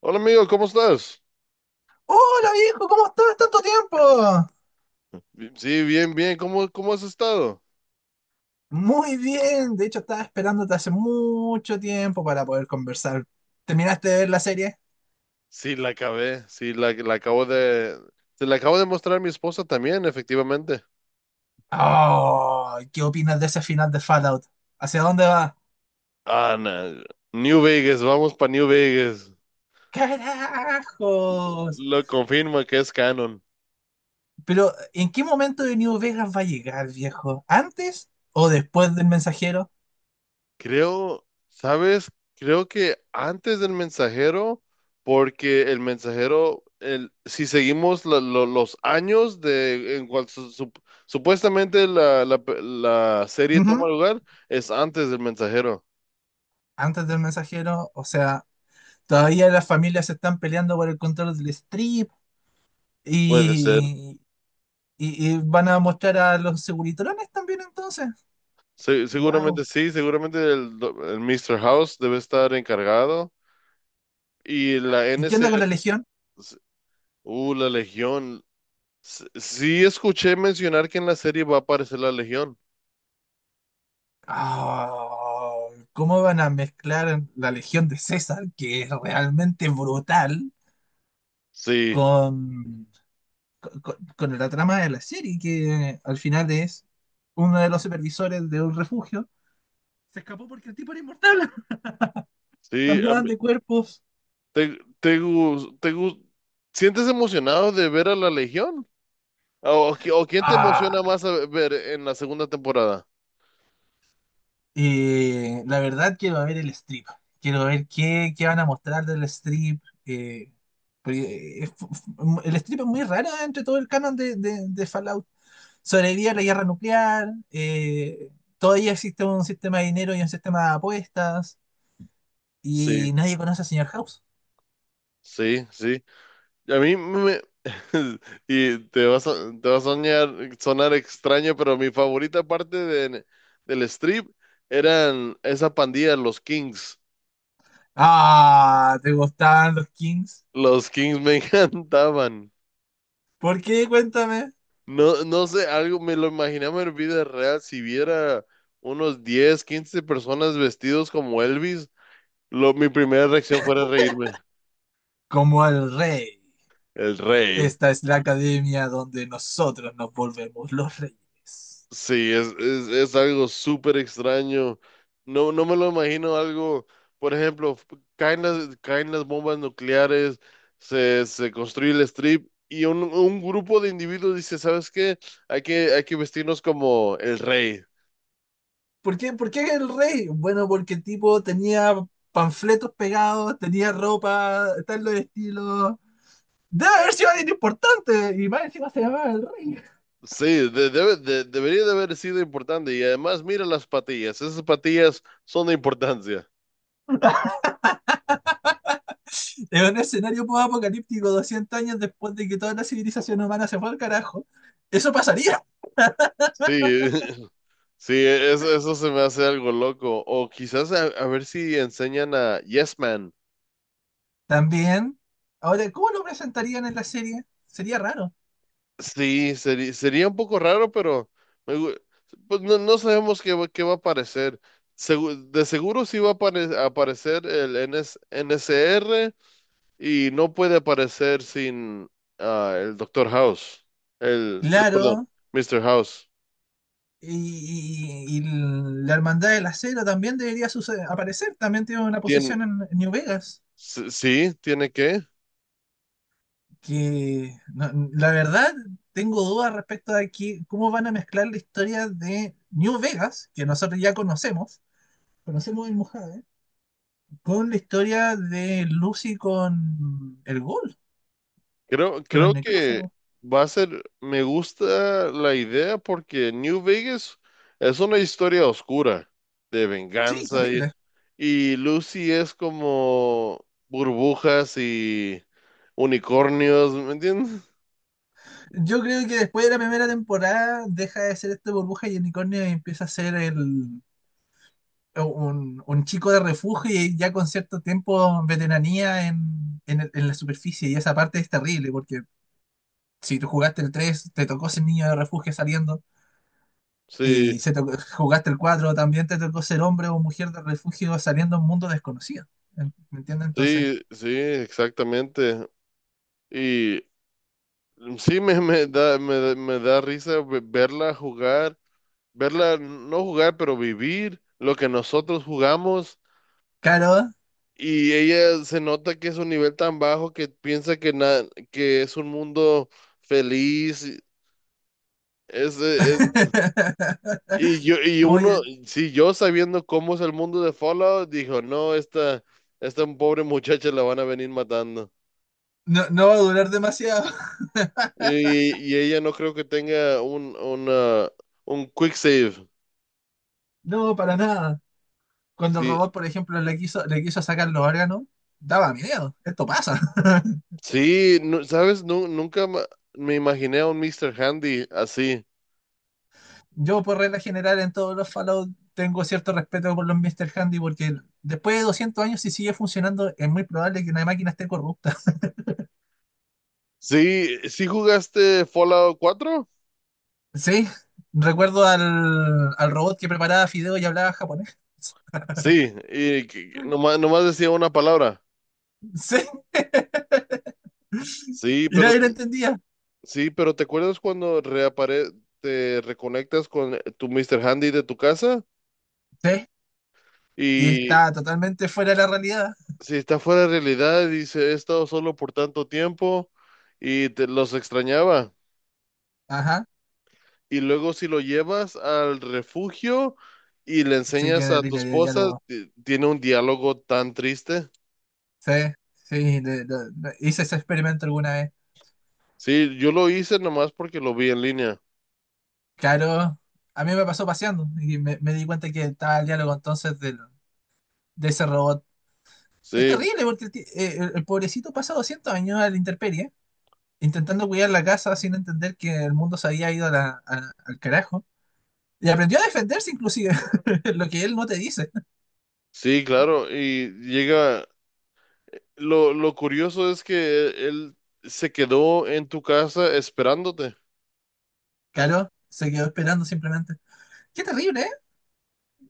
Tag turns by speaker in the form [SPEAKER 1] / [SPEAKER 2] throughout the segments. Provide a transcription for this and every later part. [SPEAKER 1] Hola amigo, ¿cómo estás?
[SPEAKER 2] Hola viejo, ¿cómo estás? ¿Tanto tiempo?
[SPEAKER 1] Sí, bien, bien. ¿Cómo has estado?
[SPEAKER 2] Muy bien, de hecho estaba esperándote hace mucho tiempo para poder conversar. ¿Terminaste de ver la serie?
[SPEAKER 1] Sí, la acabé. Sí, la acabo de... Se la acabo de mostrar a mi esposa también, efectivamente.
[SPEAKER 2] Oh, ¿qué opinas de ese final de Fallout? ¿Hacia dónde va?
[SPEAKER 1] Ah, no. New Vegas, vamos para New Vegas.
[SPEAKER 2] ¡Carajos!
[SPEAKER 1] Lo confirma que es canon.
[SPEAKER 2] Pero, ¿en qué momento de New Vegas va a llegar, viejo? ¿Antes o después del mensajero?
[SPEAKER 1] Creo, ¿sabes? Creo que antes del mensajero, porque el mensajero, si seguimos los años de en cual supuestamente la serie
[SPEAKER 2] Ujú.
[SPEAKER 1] toma lugar, es antes del mensajero.
[SPEAKER 2] Antes del mensajero, o sea, todavía las familias se están peleando por el control del strip.
[SPEAKER 1] Puede ser.
[SPEAKER 2] Y, y van a mostrar a los seguritrones también entonces.
[SPEAKER 1] Seguramente
[SPEAKER 2] Wow.
[SPEAKER 1] sí, seguramente el Mr. House debe estar encargado. Y la N
[SPEAKER 2] ¿Y qué onda con
[SPEAKER 1] NCR,
[SPEAKER 2] la Legión?
[SPEAKER 1] la Legión. Sí escuché mencionar que en la serie va a aparecer la Legión.
[SPEAKER 2] Ah, ¿cómo van a mezclar la Legión de César, que es realmente brutal,
[SPEAKER 1] Sí,
[SPEAKER 2] con, con la trama de la serie, que al final es uno de los supervisores de un refugio? Se escapó porque el tipo era inmortal.
[SPEAKER 1] sí.
[SPEAKER 2] Cambiaban de cuerpos.
[SPEAKER 1] ¿Te, te, gus- te gus- Sientes emocionado de ver a la Legión? O qui- o Quién te
[SPEAKER 2] Ah,
[SPEAKER 1] emociona más a ver en la segunda temporada?
[SPEAKER 2] La verdad quiero ver el strip. Quiero ver qué van a mostrar del strip. Porque el strip es muy raro entre todo el canon de Fallout. Sobrevive a la guerra nuclear. Todavía existe un sistema de dinero y un sistema de apuestas.
[SPEAKER 1] Sí,
[SPEAKER 2] Y nadie conoce al señor House.
[SPEAKER 1] sí, sí. A mí me y te vas a, te va a soñar, sonar extraño, pero mi favorita parte del strip eran esa pandilla, los Kings.
[SPEAKER 2] Ah, ¿te gustaban los Kings?
[SPEAKER 1] Los Kings me encantaban.
[SPEAKER 2] ¿Por qué? Cuéntame.
[SPEAKER 1] No, no sé, algo me lo imaginaba en vida real. Si viera unos 10 15 personas vestidos como Elvis, mi primera reacción fuera reírme.
[SPEAKER 2] Como el rey.
[SPEAKER 1] El rey.
[SPEAKER 2] Esta es la academia donde nosotros nos volvemos los reyes.
[SPEAKER 1] Sí, es algo súper extraño. No, no me lo imagino algo, por ejemplo, caen las bombas nucleares, se construye el strip y un grupo de individuos dice, ¿sabes qué? Hay que vestirnos como el rey.
[SPEAKER 2] ¿Por qué el rey? Bueno, porque el tipo tenía panfletos pegados, tenía ropa, tal los estilos. Debe haber sido alguien importante y más encima se llamaba el rey.
[SPEAKER 1] Sí, debería de haber sido importante. Y además, mira las patillas. Esas patillas son de importancia.
[SPEAKER 2] En un escenario post-apocalíptico 200 años después de que toda la civilización humana se fue al carajo, eso pasaría.
[SPEAKER 1] Sí. Sí, eso se me hace algo loco. O quizás a ver si enseñan a Yes Man.
[SPEAKER 2] También, ahora, ¿cómo lo presentarían en la serie? Sería raro.
[SPEAKER 1] Sí, sería un poco raro, pero me gu- pues no sabemos qué, qué va a aparecer. De seguro sí va a aparecer el N S N S R y no puede aparecer sin el Doctor House. Perdón,
[SPEAKER 2] Claro,
[SPEAKER 1] Mister House.
[SPEAKER 2] y la hermandad del acero también debería suce- aparecer, también tiene una
[SPEAKER 1] Tien-
[SPEAKER 2] posición en New Vegas.
[SPEAKER 1] sí, tiene que.
[SPEAKER 2] Que no- la verdad tengo dudas respecto a que, cómo van a mezclar la historia de New Vegas, que nosotros ya conocemos, conocemos el Mojave, con la historia de Lucy con el Ghoul,
[SPEAKER 1] Creo,
[SPEAKER 2] con el
[SPEAKER 1] creo que
[SPEAKER 2] necrófago.
[SPEAKER 1] va a ser, me gusta la idea porque New Vegas es una historia oscura de
[SPEAKER 2] Sí,
[SPEAKER 1] venganza y,
[SPEAKER 2] terrible.
[SPEAKER 1] y Lucy es como burbujas y unicornios, ¿me entiendes?
[SPEAKER 2] Yo creo que después de la primera temporada deja de ser este burbuja y el unicornio y empieza a ser un chico de refugio y ya con cierto tiempo veteranía en la superficie. Y esa parte es terrible porque si tú jugaste el 3 te tocó ser niño de refugio saliendo.
[SPEAKER 1] Sí,
[SPEAKER 2] Y si te- jugaste el 4 también te tocó ser hombre o mujer de refugio saliendo a un mundo desconocido. ¿Me entiendes? Entonces,
[SPEAKER 1] sí, sí, exactamente. Y sí me da risa verla jugar, verla no jugar, pero vivir lo que nosotros jugamos.
[SPEAKER 2] claro,
[SPEAKER 1] Y ella se nota que es un nivel tan bajo que piensa que, que es un mundo feliz. Es, es- e, e, y yo, y
[SPEAKER 2] como que
[SPEAKER 1] uno, sí, yo sabiendo cómo es el mundo de Fallout, dijo, no, esta pobre muchacha la van a venir matando.
[SPEAKER 2] no, no va a durar demasiado.
[SPEAKER 1] Y ella no creo que tenga un, una, un quick save.
[SPEAKER 2] No, para nada. Cuando el
[SPEAKER 1] Sí,
[SPEAKER 2] robot, por ejemplo, le quiso sacar los órganos, daba miedo. Esto pasa.
[SPEAKER 1] sí, sabes, Nu- nunca ma- me imaginé a un Mister Handy así.
[SPEAKER 2] Yo, por regla general, en todos los Fallout tengo cierto respeto por los Mr. Handy porque después de 200 años, si sigue funcionando, es muy probable que una máquina esté corrupta.
[SPEAKER 1] Sí, sí jugaste Fallout 4.
[SPEAKER 2] Sí, recuerdo al robot que preparaba fideos y hablaba japonés.
[SPEAKER 1] Sí, y que nomás decía una palabra.
[SPEAKER 2] Sí,
[SPEAKER 1] Sí,
[SPEAKER 2] y
[SPEAKER 1] pero
[SPEAKER 2] nadie lo entendía.
[SPEAKER 1] sí, pero ¿te acuerdas cuando reapare te reconectas con tu Mr. Handy de tu casa?
[SPEAKER 2] Sí, y
[SPEAKER 1] Y
[SPEAKER 2] está totalmente fuera de la realidad.
[SPEAKER 1] si está fuera de realidad, dice, he estado solo por tanto tiempo y te los extrañaba.
[SPEAKER 2] Ajá,
[SPEAKER 1] Y luego si lo llevas al refugio y le
[SPEAKER 2] sí,
[SPEAKER 1] enseñas
[SPEAKER 2] tiene
[SPEAKER 1] a tu
[SPEAKER 2] línea de
[SPEAKER 1] esposa,
[SPEAKER 2] diálogo.
[SPEAKER 1] tiene un diálogo tan triste.
[SPEAKER 2] Sí, sí, hice ese experimento alguna vez.
[SPEAKER 1] Sí, yo lo hice nomás porque lo vi en línea.
[SPEAKER 2] Claro, a mí me pasó paseando y me di cuenta que estaba el diálogo entonces de ese robot. Es
[SPEAKER 1] Sí,
[SPEAKER 2] terrible porque el pobrecito pasa 200 años a la intemperie, intentando cuidar la casa sin entender que el mundo se había ido al carajo. Y aprendió a defenderse inclusive, lo que él no te dice.
[SPEAKER 1] sí, claro. Y llega. Lo curioso es que él se quedó en tu casa esperándote.
[SPEAKER 2] Claro, se quedó esperando simplemente. Qué terrible, ¿eh?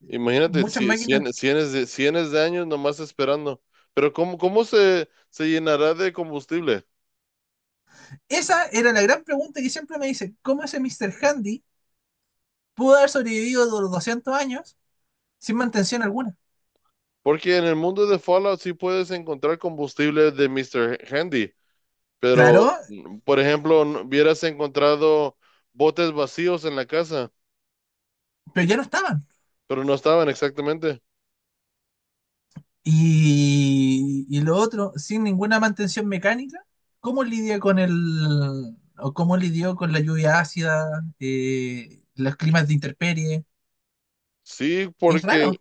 [SPEAKER 1] Imagínate,
[SPEAKER 2] Muchas máquinas.
[SPEAKER 1] cienes de años nomás esperando. Pero ¿cómo se llenará de combustible?
[SPEAKER 2] Esa era la gran pregunta que siempre me dicen, ¿cómo ese mister Handy pudo haber sobrevivido de los 200 años sin mantención alguna?
[SPEAKER 1] Porque en el mundo de Fallout sí puedes encontrar combustible de Mr. Handy,
[SPEAKER 2] Claro,
[SPEAKER 1] pero, por ejemplo, hubieras encontrado botes vacíos en la casa,
[SPEAKER 2] pero ya no estaban.
[SPEAKER 1] pero no estaban exactamente.
[SPEAKER 2] Y lo otro, sin ninguna mantención mecánica, ¿cómo lidia con el... o cómo lidió con la lluvia ácida, los climas de intemperie?
[SPEAKER 1] Sí,
[SPEAKER 2] Es
[SPEAKER 1] porque
[SPEAKER 2] raro.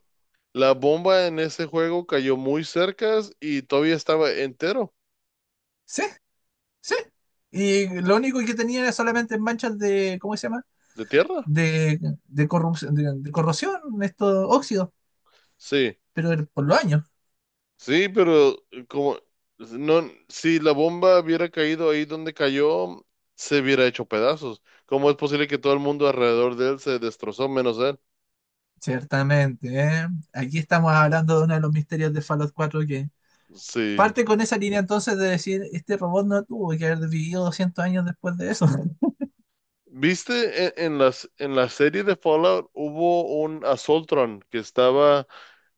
[SPEAKER 1] la bomba en ese juego cayó muy cerca y todavía estaba entero.
[SPEAKER 2] Sí, sí. Y lo único que tenía era solamente manchas de, ¿cómo se llama?
[SPEAKER 1] ¿De tierra?
[SPEAKER 2] De, de corrupción, de corrosión, estos óxidos,
[SPEAKER 1] Sí,
[SPEAKER 2] pero por los años.
[SPEAKER 1] sí, pero como no, si la bomba hubiera caído ahí donde cayó, se hubiera hecho pedazos. ¿Cómo es posible que todo el mundo alrededor de él se destrozó menos él?
[SPEAKER 2] Ciertamente, ¿eh? Aquí estamos hablando de uno de los misterios de Fallout 4 que
[SPEAKER 1] Sí.
[SPEAKER 2] parte con esa línea entonces de decir, este robot no tuvo que haber vivido 200 años después de eso.
[SPEAKER 1] ¿Viste en la serie de Fallout hubo un Assaultron que estaba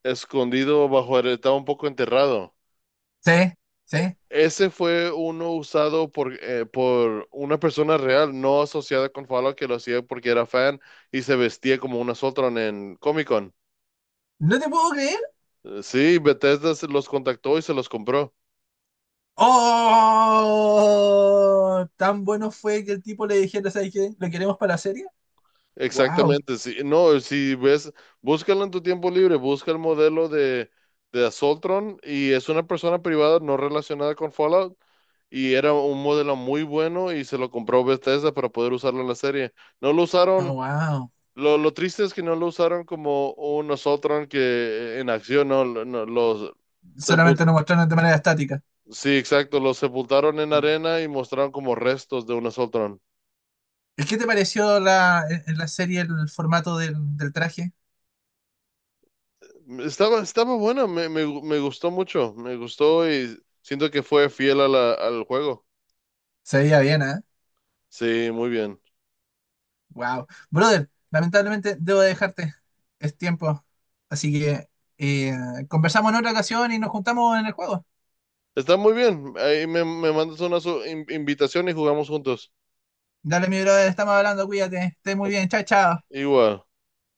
[SPEAKER 1] escondido bajo, estaba un poco enterrado?
[SPEAKER 2] Sí, sí.
[SPEAKER 1] Ese fue uno usado por una persona real, no asociada con Fallout, que lo hacía porque era fan y se vestía como una Sotron en Comic Con.
[SPEAKER 2] ¿No te puedo creer?
[SPEAKER 1] Sí, Bethesda se los contactó y se los compró.
[SPEAKER 2] ¡Oh! Tan bueno fue que el tipo le dijera, ¿sabes qué? ¿Lo queremos para la serie? ¡Wow!
[SPEAKER 1] Exactamente, sí. No, si ves, búscalo en tu tiempo libre, busca el modelo de Assaultron y es una persona privada no relacionada con Fallout y era un modelo muy bueno y se lo compró Bethesda para poder usarlo en la serie. No lo usaron.
[SPEAKER 2] ¡Oh, wow!
[SPEAKER 1] Lo triste es que no lo usaron como un Nosotros que en acción, ¿no? Sepul-
[SPEAKER 2] Solamente nos mostraron de manera estática.
[SPEAKER 1] sí, exacto, los sepultaron en
[SPEAKER 2] Mm.
[SPEAKER 1] arena y mostraron como restos de un Nosotros.
[SPEAKER 2] ¿Qué te pareció en la serie el formato del traje?
[SPEAKER 1] Estaba bueno, me gustó mucho, me gustó y siento que fue fiel a al juego.
[SPEAKER 2] Se veía bien, ¿eh?
[SPEAKER 1] Sí, muy bien.
[SPEAKER 2] Wow. Brother, lamentablemente debo de dejarte. Es tiempo. Así que eh, conversamos en otra ocasión y nos juntamos en el juego.
[SPEAKER 1] Está muy bien. Ahí me mandas una invitación y jugamos juntos.
[SPEAKER 2] Dale, mi brother, estamos hablando, cuídate. Esté muy bien. Chao, chao.
[SPEAKER 1] Igual.